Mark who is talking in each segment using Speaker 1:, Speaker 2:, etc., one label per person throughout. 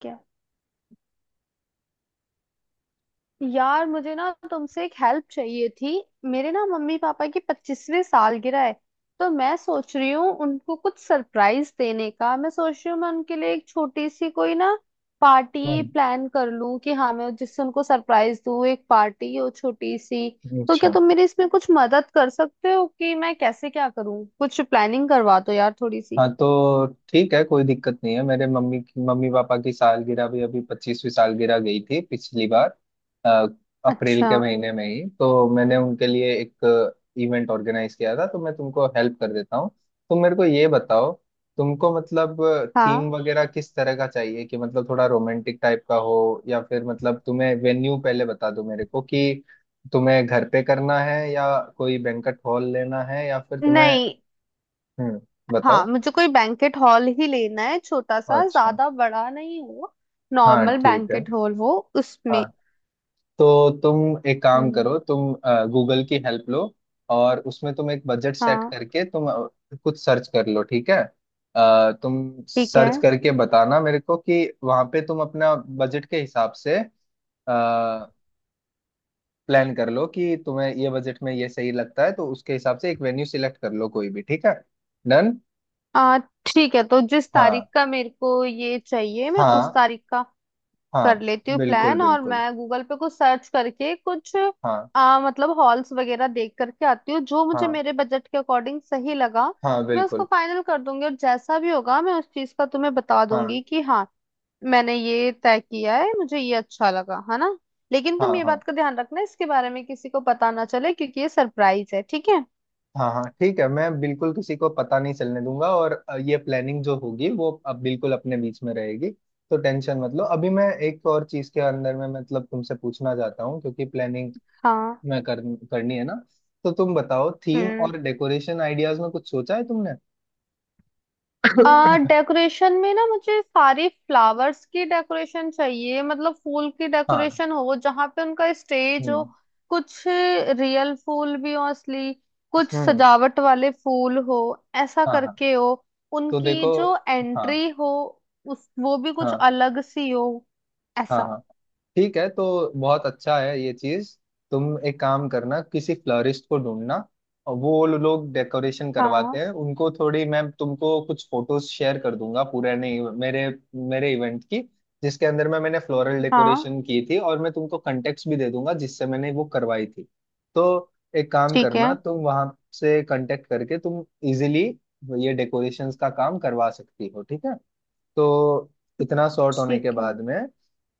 Speaker 1: क्या? यार, मुझे ना तुमसे एक हेल्प चाहिए थी। मेरे ना मम्मी पापा की 25वीं सालगिरह है। तो मैं सोच रही हूँ उनको कुछ सरप्राइज देने का। मैं सोच रही हूँ मैं उनके लिए एक छोटी सी कोई ना पार्टी
Speaker 2: हम्म,
Speaker 1: प्लान कर लूँ कि हाँ, मैं जिससे उनको सरप्राइज दूँ, एक पार्टी हो छोटी सी। तो क्या
Speaker 2: अच्छा।
Speaker 1: तुम मेरी इसमें कुछ मदद कर सकते हो कि मैं कैसे क्या करूँ? कुछ प्लानिंग करवा दो यार थोड़ी सी।
Speaker 2: हाँ तो ठीक है, कोई दिक्कत नहीं है। मेरे मम्मी पापा की सालगिरह भी अभी पच्चीसवीं सालगिरह गई थी पिछली बार। अ, अप्रैल
Speaker 1: अच्छा।
Speaker 2: के महीने में ही तो मैंने उनके लिए एक इवेंट ऑर्गेनाइज किया था। तो मैं तुमको हेल्प कर देता हूँ। तुम मेरे को ये बताओ, तुमको मतलब
Speaker 1: हाँ।
Speaker 2: थीम वगैरह किस तरह का चाहिए कि, मतलब थोड़ा रोमांटिक टाइप का हो या फिर, मतलब तुम्हें वेन्यू पहले बता दो मेरे को कि तुम्हें घर पे करना है या कोई बैंकट हॉल लेना है या फिर तुम्हें।
Speaker 1: नहीं।
Speaker 2: हम्म, बताओ।
Speaker 1: हाँ, मुझे कोई बैंकेट हॉल ही लेना है, छोटा सा,
Speaker 2: अच्छा।
Speaker 1: ज्यादा बड़ा नहीं हो।
Speaker 2: हाँ बताओ,
Speaker 1: नॉर्मल
Speaker 2: ठीक है।
Speaker 1: बैंकेट हॉल हो उसमें।
Speaker 2: हाँ तो तुम एक काम
Speaker 1: हम्म।
Speaker 2: करो, तुम गूगल की हेल्प लो और उसमें तुम एक बजट सेट
Speaker 1: हाँ,
Speaker 2: करके तुम कुछ सर्च कर लो, ठीक है। तुम
Speaker 1: ठीक है।
Speaker 2: सर्च करके बताना मेरे को कि वहाँ पे तुम अपना बजट के हिसाब से प्लान कर लो कि तुम्हें ये बजट में ये सही लगता है तो उसके हिसाब से एक वेन्यू सिलेक्ट कर लो कोई भी, ठीक है। डन।
Speaker 1: आ ठीक है, तो जिस
Speaker 2: हाँ,
Speaker 1: तारीख का मेरे को ये चाहिए, मैं उस
Speaker 2: हाँ,
Speaker 1: तारीख का
Speaker 2: हाँ।
Speaker 1: कर लेती हूँ
Speaker 2: बिल्कुल
Speaker 1: प्लान। और
Speaker 2: बिल्कुल।
Speaker 1: मैं गूगल पे कुछ सर्च करके कुछ
Speaker 2: हाँ।
Speaker 1: मतलब हॉल्स वगैरह देख करके आती हूँ जो मुझे
Speaker 2: हाँ
Speaker 1: मेरे बजट के अकॉर्डिंग सही लगा।
Speaker 2: हाँ
Speaker 1: मैं उसको
Speaker 2: बिल्कुल।
Speaker 1: फाइनल कर दूंगी और जैसा भी होगा मैं उस चीज का तुम्हें बता
Speaker 2: हाँ,
Speaker 1: दूंगी कि हाँ, मैंने ये तय किया है, मुझे ये अच्छा लगा है, ना। लेकिन
Speaker 2: हाँ,
Speaker 1: तुम ये
Speaker 2: हाँ,
Speaker 1: बात का ध्यान रखना, इसके बारे में किसी को पता ना चले, क्योंकि ये सरप्राइज है, ठीक है।
Speaker 2: हाँ, हाँ, ठीक है। मैं बिल्कुल किसी को पता नहीं चलने दूंगा और ये प्लानिंग जो होगी वो अब बिल्कुल अपने बीच में रहेगी। तो टेंशन मत लो। अभी मैं एक और चीज के अंदर में, मतलब तुमसे पूछना चाहता हूँ, क्योंकि प्लानिंग
Speaker 1: हाँ।
Speaker 2: मैं कर, करनी है ना। तो तुम बताओ, थीम
Speaker 1: हम्म।
Speaker 2: और डेकोरेशन आइडियाज में कुछ सोचा है तुमने?
Speaker 1: आ डेकोरेशन में ना मुझे सारी फ्लावर्स की डेकोरेशन चाहिए, मतलब फूल की
Speaker 2: हाँ।
Speaker 1: डेकोरेशन हो जहाँ पे उनका स्टेज हो।
Speaker 2: हम्म।
Speaker 1: कुछ रियल फूल भी हो, असली, कुछ
Speaker 2: हम्म।
Speaker 1: सजावट वाले फूल हो, ऐसा
Speaker 2: हाँ हाँ
Speaker 1: करके हो।
Speaker 2: तो
Speaker 1: उनकी
Speaker 2: देखो।
Speaker 1: जो
Speaker 2: हाँ
Speaker 1: एंट्री हो उस वो भी कुछ
Speaker 2: हाँ
Speaker 1: अलग सी हो,
Speaker 2: हाँ
Speaker 1: ऐसा।
Speaker 2: हाँ ठीक है तो बहुत अच्छा है ये चीज। तुम एक काम करना, किसी फ्लोरिस्ट को ढूंढना और वो लोग डेकोरेशन करवाते
Speaker 1: हाँ
Speaker 2: हैं उनको। थोड़ी मैं तुमको कुछ फोटोज शेयर कर दूंगा, पूरे नहीं, मेरे मेरे इवेंट की जिसके अंदर में मैंने फ्लोरल
Speaker 1: हाँ,
Speaker 2: डेकोरेशन की थी। और मैं तुमको कंटेक्ट भी दे दूंगा जिससे मैंने वो करवाई थी। तो एक काम
Speaker 1: ठीक है।
Speaker 2: करना, तुम वहां से कांटेक्ट करके तुम इजिली ये डेकोरेशंस का काम करवा सकती हो, ठीक है। तो इतना सॉर्ट होने
Speaker 1: ठीक
Speaker 2: के
Speaker 1: है।
Speaker 2: बाद में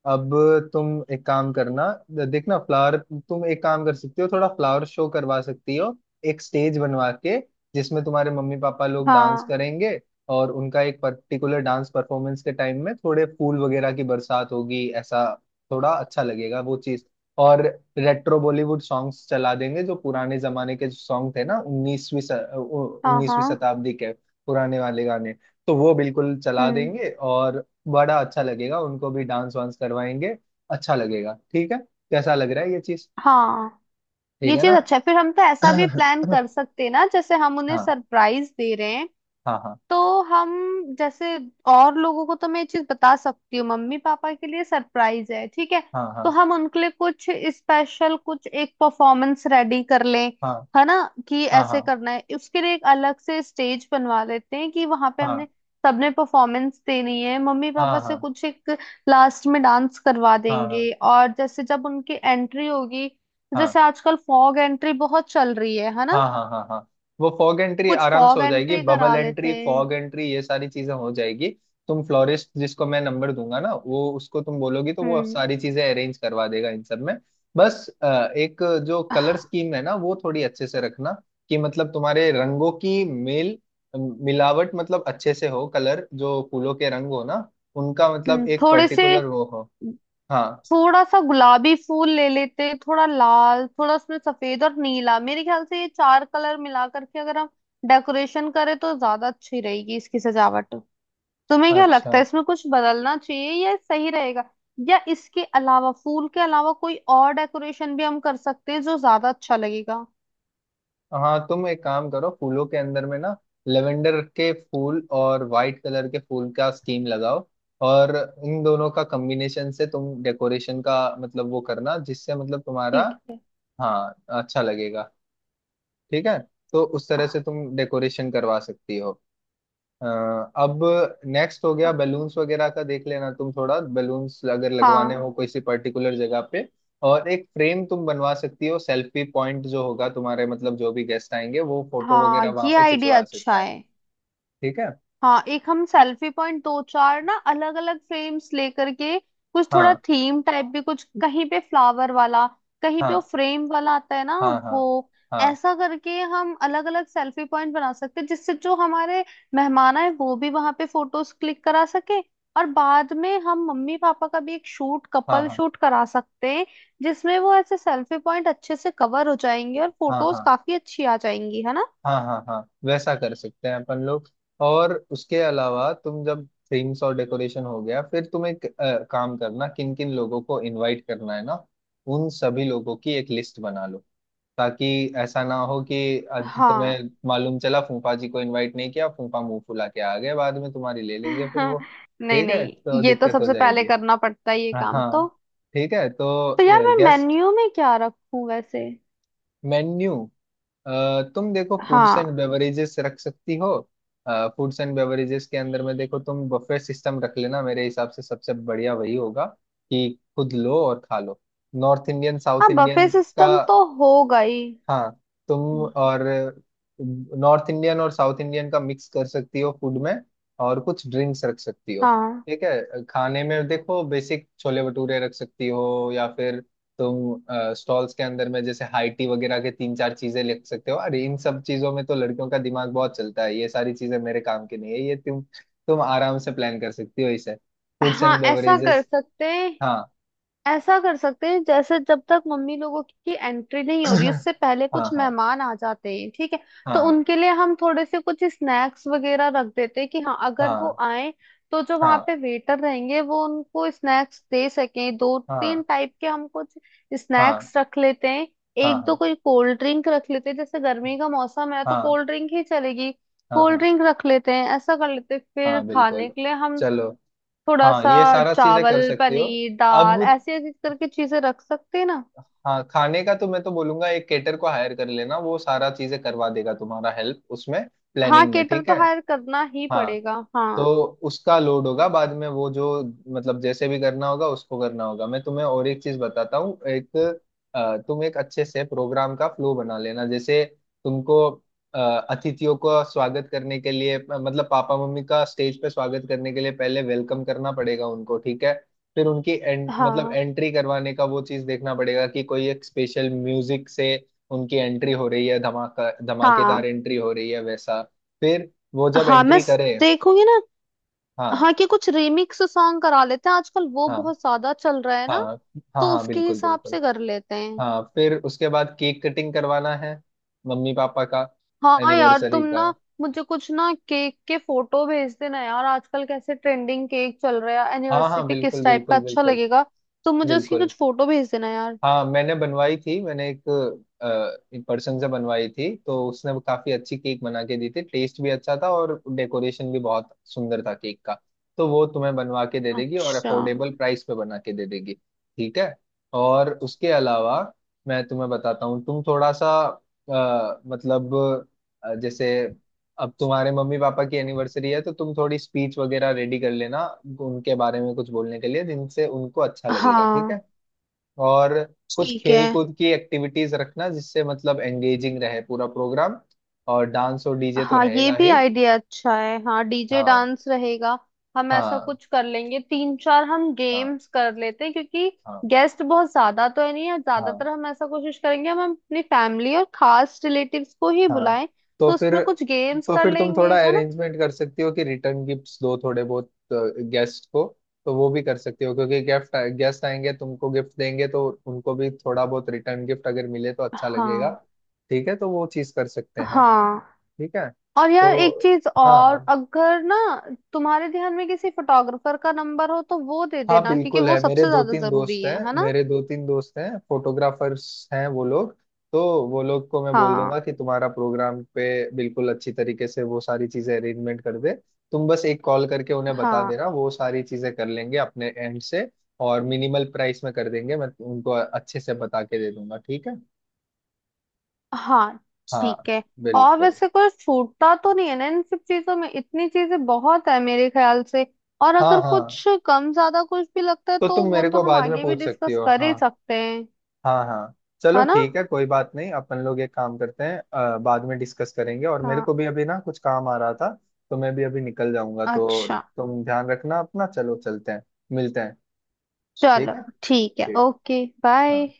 Speaker 2: अब तुम एक काम करना, देखना फ्लावर, तुम एक काम कर सकती हो, थोड़ा फ्लावर शो करवा सकती हो एक स्टेज बनवा के, जिसमें तुम्हारे मम्मी पापा लोग डांस
Speaker 1: हाँ
Speaker 2: करेंगे। और उनका एक पर्टिकुलर डांस परफॉर्मेंस के टाइम में थोड़े फूल वगैरह की बरसात होगी, ऐसा। थोड़ा अच्छा लगेगा वो चीज। और रेट्रो बॉलीवुड सॉन्ग्स चला देंगे जो पुराने जमाने के सॉन्ग थे ना, उन्नीसवीं
Speaker 1: हाँ
Speaker 2: उन्नीसवीं
Speaker 1: हाँ।
Speaker 2: शताब्दी के पुराने वाले गाने, तो वो बिल्कुल चला
Speaker 1: हम्म।
Speaker 2: देंगे। और बड़ा अच्छा लगेगा, उनको भी डांस वांस करवाएंगे, अच्छा लगेगा, ठीक है। कैसा लग रहा है ये चीज,
Speaker 1: हाँ, ये
Speaker 2: ठीक है
Speaker 1: चीज
Speaker 2: ना?
Speaker 1: अच्छा है। फिर हम तो ऐसा भी प्लान कर सकते हैं ना, जैसे हम उन्हें
Speaker 2: हाँ
Speaker 1: सरप्राइज दे रहे हैं,
Speaker 2: हाँ हाँ
Speaker 1: तो हम जैसे और लोगों को तो मैं ये चीज बता सकती हूँ, मम्मी पापा के लिए सरप्राइज है, ठीक है।
Speaker 2: हाँ।
Speaker 1: तो
Speaker 2: हाँ
Speaker 1: हम उनके लिए कुछ स्पेशल, कुछ एक परफॉर्मेंस रेडी कर लें, है ना? कि
Speaker 2: हाँ। हाँ।
Speaker 1: ऐसे
Speaker 2: हाँ
Speaker 1: करना है, उसके लिए एक अलग से स्टेज बनवा लेते हैं कि वहां पे हमने सबने परफॉर्मेंस देनी है, मम्मी
Speaker 2: हाँ
Speaker 1: पापा
Speaker 2: हाँ
Speaker 1: से
Speaker 2: हाँ।
Speaker 1: कुछ एक लास्ट में डांस करवा
Speaker 2: हाँ हाँ।
Speaker 1: देंगे। और जैसे जब उनकी एंट्री होगी तो
Speaker 2: हाँ।
Speaker 1: जैसे आजकल फॉग एंट्री बहुत चल रही है ना?
Speaker 2: हाँ हाँ हाँ हाँ। वो फॉग एंट्री
Speaker 1: कुछ
Speaker 2: आराम से
Speaker 1: फॉग
Speaker 2: हो जाएगी।
Speaker 1: एंट्री करा
Speaker 2: बबल
Speaker 1: लेते
Speaker 2: एंट्री,
Speaker 1: हैं।
Speaker 2: फॉग एंट्री, ये सारी चीजें हो जाएगी। तुम फ्लोरिस्ट जिसको मैं नंबर दूंगा ना, वो उसको तुम बोलोगी तो वो
Speaker 1: हम्म।
Speaker 2: सारी चीजें अरेंज करवा देगा इन सब में। बस एक जो कलर स्कीम है ना, वो थोड़ी अच्छे से रखना, कि मतलब तुम्हारे रंगों की मेल मिलावट मतलब अच्छे से हो। कलर जो फूलों के रंग हो ना, उनका मतलब एक
Speaker 1: थोड़े से
Speaker 2: पर्टिकुलर वो हो। हाँ।
Speaker 1: थोड़ा सा गुलाबी फूल ले लेते, थोड़ा लाल, थोड़ा उसमें सफेद और नीला, मेरे ख्याल से ये चार कलर मिला करके अगर हम डेकोरेशन करें तो ज्यादा अच्छी रहेगी इसकी सजावट। तुम्हें क्या
Speaker 2: अच्छा।
Speaker 1: लगता है, इसमें कुछ बदलना चाहिए या सही रहेगा? या इसके अलावा, फूल के अलावा कोई और डेकोरेशन भी हम कर सकते हैं जो ज्यादा अच्छा लगेगा?
Speaker 2: हाँ तुम एक काम करो, फूलों के अंदर में ना लेवेंडर के फूल और वाइट कलर के फूल का स्कीम लगाओ। और इन दोनों का कॉम्बिनेशन से तुम डेकोरेशन का मतलब वो करना जिससे मतलब तुम्हारा।
Speaker 1: ठीक है।
Speaker 2: हाँ। अच्छा लगेगा, ठीक है। तो उस तरह से तुम डेकोरेशन करवा सकती हो। हाँ, अब नेक्स्ट हो गया बैलून्स वगैरह का। देख लेना तुम थोड़ा बैलून्स अगर लगवाने हो
Speaker 1: हाँ।
Speaker 2: किसी पर्टिकुलर जगह पे। और एक फ्रेम तुम बनवा सकती हो, सेल्फी पॉइंट जो होगा तुम्हारे, मतलब जो भी गेस्ट आएंगे वो फोटो
Speaker 1: हाँ,
Speaker 2: वगैरह वहां
Speaker 1: ये
Speaker 2: पे
Speaker 1: आइडिया
Speaker 2: खिंचवा
Speaker 1: अच्छा
Speaker 2: सकता है,
Speaker 1: है।
Speaker 2: ठीक है।
Speaker 1: हाँ, एक हम सेल्फी पॉइंट दो चार ना अलग अलग फ्रेम्स लेकर के, कुछ थोड़ा
Speaker 2: हाँ।
Speaker 1: थीम टाइप भी, कुछ कहीं पे फ्लावर वाला, कहीं पे वो
Speaker 2: हाँ
Speaker 1: फ्रेम वाला आता है ना
Speaker 2: हाँ। हाँ।
Speaker 1: वो,
Speaker 2: हाँ
Speaker 1: ऐसा करके हम अलग अलग सेल्फी पॉइंट बना सकते हैं जिससे जो हमारे मेहमान आए वो भी वहां पे फोटोज क्लिक करा सके। और बाद में हम मम्मी पापा का भी एक शूट,
Speaker 2: हाँ। हाँ।
Speaker 1: कपल
Speaker 2: हाँ
Speaker 1: शूट करा सकते हैं जिसमें वो ऐसे सेल्फी पॉइंट अच्छे से कवर हो जाएंगे और
Speaker 2: हाँ।
Speaker 1: फोटोज
Speaker 2: हाँ,
Speaker 1: काफी अच्छी आ जाएंगी, है ना?
Speaker 2: हाँ, हाँ, हाँ, वैसा कर सकते हैं अपन लोग। और उसके अलावा तुम जब थीम्स और डेकोरेशन हो गया, फिर तुम एक काम करना, किन किन लोगों को इनवाइट करना है ना, उन सभी लोगों की एक लिस्ट बना लो। ताकि ऐसा ना हो कि
Speaker 1: हाँ
Speaker 2: तुम्हें मालूम चला फूफा जी को इनवाइट नहीं किया, फूफा मुंह फुला के आ गए बाद में, तुम्हारी ले लेंगे फिर
Speaker 1: हाँ,
Speaker 2: वो,
Speaker 1: नहीं
Speaker 2: ठीक है,
Speaker 1: नहीं,
Speaker 2: तो
Speaker 1: ये तो
Speaker 2: दिक्कत हो
Speaker 1: सबसे पहले
Speaker 2: जाएगी।
Speaker 1: करना पड़ता है, ये काम
Speaker 2: हाँ
Speaker 1: तो।
Speaker 2: ठीक है तो,
Speaker 1: तो यार, मैं
Speaker 2: गेस्ट,
Speaker 1: मेन्यू में क्या रखूं वैसे?
Speaker 2: मेन्यू, तुम देखो फूड्स एंड
Speaker 1: हाँ।
Speaker 2: बेवरेजेस रख सकती हो। फूड्स एंड बेवरेजेस के अंदर में देखो तुम बफे सिस्टम रख लेना, मेरे हिसाब से सबसे बढ़िया वही होगा कि खुद लो और खा लो। नॉर्थ इंडियन,
Speaker 1: हाँ,
Speaker 2: साउथ
Speaker 1: बफे
Speaker 2: इंडियन का।
Speaker 1: सिस्टम तो होगा ही।
Speaker 2: हाँ। तुम
Speaker 1: हम्म।
Speaker 2: और नॉर्थ इंडियन और साउथ इंडियन का मिक्स कर सकती हो फूड में, और कुछ ड्रिंक्स रख सकती हो,
Speaker 1: हाँ
Speaker 2: ठीक है। खाने में देखो बेसिक छोले भटूरे रख सकती हो या फिर तुम स्टॉल्स के अंदर में जैसे हाई टी वगैरह के तीन चार चीजें लिख सकते हो। और इन सब चीजों में तो लड़कियों का दिमाग बहुत चलता है, ये सारी चीजें मेरे काम की नहीं है, ये तुम आराम से प्लान कर सकती हो इसे, फूड्स
Speaker 1: हाँ,
Speaker 2: एंड
Speaker 1: ऐसा कर
Speaker 2: बेवरेजेस।
Speaker 1: सकते हैं।
Speaker 2: हाँ।
Speaker 1: ऐसा कर सकते हैं, जैसे जब तक मम्मी लोगों की एंट्री नहीं हो रही, उससे पहले
Speaker 2: हाँ
Speaker 1: कुछ
Speaker 2: हाँ।
Speaker 1: मेहमान आ जाते हैं, ठीक है। तो
Speaker 2: हाँ।
Speaker 1: उनके लिए हम थोड़े से कुछ स्नैक्स वगैरह रख देते हैं कि हाँ, अगर वो
Speaker 2: हाँ
Speaker 1: आए तो जो वहाँ
Speaker 2: हाँ।
Speaker 1: पे वेटर रहेंगे वो उनको स्नैक्स दे सकें। दो
Speaker 2: हाँ।
Speaker 1: तीन टाइप के हम कुछ
Speaker 2: हाँ
Speaker 1: स्नैक्स रख लेते हैं,
Speaker 2: हाँ।
Speaker 1: एक दो
Speaker 2: हाँ
Speaker 1: कोई कोल्ड ड्रिंक रख लेते हैं, जैसे गर्मी का मौसम है तो
Speaker 2: हाँ।
Speaker 1: कोल्ड ड्रिंक ही चलेगी।
Speaker 2: हाँ
Speaker 1: कोल्ड
Speaker 2: हाँ।
Speaker 1: ड्रिंक रख लेते हैं, ऐसा कर लेते हैं। फिर
Speaker 2: हाँ बिल्कुल,
Speaker 1: खाने के लिए हम
Speaker 2: चलो।
Speaker 1: थोड़ा
Speaker 2: हाँ
Speaker 1: सा
Speaker 2: ये सारा चीजें
Speaker 1: चावल,
Speaker 2: कर सकते हो।
Speaker 1: पनीर,
Speaker 2: अब
Speaker 1: दाल, ऐसी ऐसी करके चीजें रख सकते हैं ना।
Speaker 2: हाँ खाने का तो मैं तो बोलूंगा एक केटर को हायर कर लेना, वो सारा चीजें करवा देगा, तुम्हारा हेल्प उसमें
Speaker 1: हाँ,
Speaker 2: प्लानिंग में,
Speaker 1: केटर
Speaker 2: ठीक
Speaker 1: तो
Speaker 2: है।
Speaker 1: हायर करना ही
Speaker 2: हाँ
Speaker 1: पड़ेगा,
Speaker 2: तो
Speaker 1: हाँ।
Speaker 2: उसका लोड होगा बाद में, वो जो, मतलब जैसे भी करना होगा उसको करना होगा। मैं तुम्हें और एक चीज बताता हूँ, एक तुम एक अच्छे से प्रोग्राम का फ्लो बना लेना। जैसे तुमको अ, अतिथियों को स्वागत करने के लिए, मतलब पापा मम्मी का स्टेज पे स्वागत करने के लिए पहले वेलकम करना पड़ेगा उनको, ठीक है। फिर उनकी मतलब
Speaker 1: हाँ
Speaker 2: एंट्री करवाने का वो चीज देखना पड़ेगा कि कोई एक स्पेशल म्यूजिक से उनकी एंट्री हो रही है, धमाका
Speaker 1: हाँ
Speaker 2: धमाकेदार एंट्री हो रही है, वैसा। फिर वो जब
Speaker 1: हाँ। मैं
Speaker 2: एंट्री करे।
Speaker 1: देखूंगी ना।
Speaker 2: हाँ।
Speaker 1: हाँ, कि कुछ रिमिक्स सॉन्ग करा लेते हैं, आजकल वो
Speaker 2: हाँ
Speaker 1: बहुत ज्यादा चल रहा है
Speaker 2: हाँ।
Speaker 1: ना,
Speaker 2: हाँ
Speaker 1: तो
Speaker 2: हाँ
Speaker 1: उसके
Speaker 2: बिल्कुल
Speaker 1: हिसाब
Speaker 2: बिल्कुल।
Speaker 1: से कर लेते हैं।
Speaker 2: हाँ फिर उसके बाद केक कटिंग करवाना है मम्मी पापा का,
Speaker 1: हाँ यार,
Speaker 2: एनिवर्सरी
Speaker 1: तुम ना
Speaker 2: का।
Speaker 1: मुझे कुछ ना केक के फोटो भेज देना यार, आजकल कैसे ट्रेंडिंग केक चल रहा है
Speaker 2: हाँ
Speaker 1: एनिवर्सरी
Speaker 2: हाँ
Speaker 1: पे, किस
Speaker 2: बिल्कुल
Speaker 1: टाइप का
Speaker 2: बिल्कुल
Speaker 1: अच्छा
Speaker 2: बिल्कुल।
Speaker 1: लगेगा। तो मुझे उसकी
Speaker 2: बिल्कुल।
Speaker 1: कुछ फोटो भेज देना यार।
Speaker 2: हाँ मैंने बनवाई थी, मैंने एक अ, एक पर्सन से बनवाई थी। तो उसने वो काफी अच्छी केक बना के दी थी, टेस्ट भी अच्छा था और डेकोरेशन भी बहुत सुंदर था केक का। तो वो तुम्हें बनवा के दे देगी और
Speaker 1: अच्छा।
Speaker 2: अफोर्डेबल प्राइस पे बना के दे देगी, ठीक है। और उसके अलावा मैं तुम्हें बताता हूँ, तुम थोड़ा सा अ, मतलब जैसे अब तुम्हारे मम्मी पापा की एनिवर्सरी है तो तुम थोड़ी स्पीच वगैरह रेडी कर लेना उनके बारे में कुछ बोलने के लिए, जिनसे उनको अच्छा लगेगा, ठीक है।
Speaker 1: हाँ,
Speaker 2: और कुछ
Speaker 1: ठीक है।
Speaker 2: खेल कूद की एक्टिविटीज रखना जिससे मतलब एंगेजिंग रहे पूरा प्रोग्राम। और डांस और डीजे तो
Speaker 1: हाँ, ये
Speaker 2: रहेगा
Speaker 1: भी
Speaker 2: ही।
Speaker 1: आइडिया अच्छा है। हाँ, डीजे
Speaker 2: हाँ।
Speaker 1: डांस रहेगा। हम ऐसा
Speaker 2: हाँ
Speaker 1: कुछ कर लेंगे, तीन चार हम
Speaker 2: हाँ।
Speaker 1: गेम्स कर लेते हैं, क्योंकि
Speaker 2: हाँ
Speaker 1: गेस्ट बहुत ज्यादा तो है नहीं। है,
Speaker 2: हाँ
Speaker 1: ज्यादातर हम ऐसा कोशिश करेंगे हम अपनी फैमिली और खास रिलेटिव्स को ही
Speaker 2: हाँ।
Speaker 1: बुलाएं।
Speaker 2: तो
Speaker 1: तो
Speaker 2: फिर,
Speaker 1: उसमें कुछ गेम्स
Speaker 2: तो
Speaker 1: कर
Speaker 2: फिर तुम
Speaker 1: लेंगे,
Speaker 2: थोड़ा
Speaker 1: है ना?
Speaker 2: अरेंजमेंट कर सकती हो कि रिटर्न गिफ्ट्स दो थोड़े बहुत गेस्ट को। तो वो भी कर सकती हो, क्योंकि गिफ्ट गेस्ट आएंगे तुमको गिफ्ट देंगे तो उनको भी थोड़ा बहुत रिटर्न गिफ्ट अगर मिले तो अच्छा लगेगा,
Speaker 1: हाँ
Speaker 2: ठीक है, तो वो चीज कर सकते हैं।
Speaker 1: हाँ।
Speaker 2: ठीक है
Speaker 1: और यार एक
Speaker 2: तो,
Speaker 1: चीज
Speaker 2: हाँ
Speaker 1: और,
Speaker 2: हाँ।
Speaker 1: अगर ना तुम्हारे ध्यान में किसी फोटोग्राफर का नंबर हो तो वो दे
Speaker 2: हाँ
Speaker 1: देना, क्योंकि
Speaker 2: बिल्कुल
Speaker 1: वो
Speaker 2: है, मेरे
Speaker 1: सबसे
Speaker 2: दो
Speaker 1: ज्यादा
Speaker 2: तीन दोस्त
Speaker 1: जरूरी
Speaker 2: हैं,
Speaker 1: है ना?
Speaker 2: फोटोग्राफर्स हैं वो लोग। तो वो लोग को मैं बोल दूंगा
Speaker 1: हाँ
Speaker 2: कि तुम्हारा प्रोग्राम पे बिल्कुल अच्छी तरीके से वो सारी चीजें अरेंजमेंट कर दे। तुम बस एक कॉल करके उन्हें बता
Speaker 1: हाँ
Speaker 2: देना, वो सारी चीजें कर लेंगे अपने एंड से। और मिनिमल प्राइस में कर देंगे, मैं उनको अच्छे से बता के दे दूंगा, ठीक है।
Speaker 1: हाँ।
Speaker 2: हाँ
Speaker 1: ठीक है। और
Speaker 2: बिल्कुल।
Speaker 1: वैसे कोई छूटता तो नहीं है ना इन सब चीजों में, इतनी चीजें बहुत है मेरे ख्याल से। और
Speaker 2: हाँ
Speaker 1: अगर
Speaker 2: हाँ
Speaker 1: कुछ कम ज्यादा कुछ भी लगता है
Speaker 2: तो
Speaker 1: तो
Speaker 2: तुम
Speaker 1: वो
Speaker 2: मेरे
Speaker 1: तो
Speaker 2: को
Speaker 1: हम
Speaker 2: बाद में
Speaker 1: आगे भी
Speaker 2: पूछ सकती
Speaker 1: डिस्कस
Speaker 2: हो,
Speaker 1: कर ही
Speaker 2: हाँ।
Speaker 1: सकते हैं,
Speaker 2: हाँ हाँ। चलो
Speaker 1: है ना।
Speaker 2: ठीक है, कोई बात नहीं, अपन लोग एक काम करते हैं, बाद में डिस्कस करेंगे। और मेरे
Speaker 1: हाँ।
Speaker 2: को भी अभी ना कुछ काम आ रहा था, तो मैं भी अभी निकल जाऊंगा। तो
Speaker 1: अच्छा।
Speaker 2: तुम ध्यान रखना अपना, चलो चलते हैं, मिलते हैं।
Speaker 1: चलो
Speaker 2: ठीक है।
Speaker 1: ठीक है।
Speaker 2: ठीक।
Speaker 1: Okay, bye.
Speaker 2: हाँ।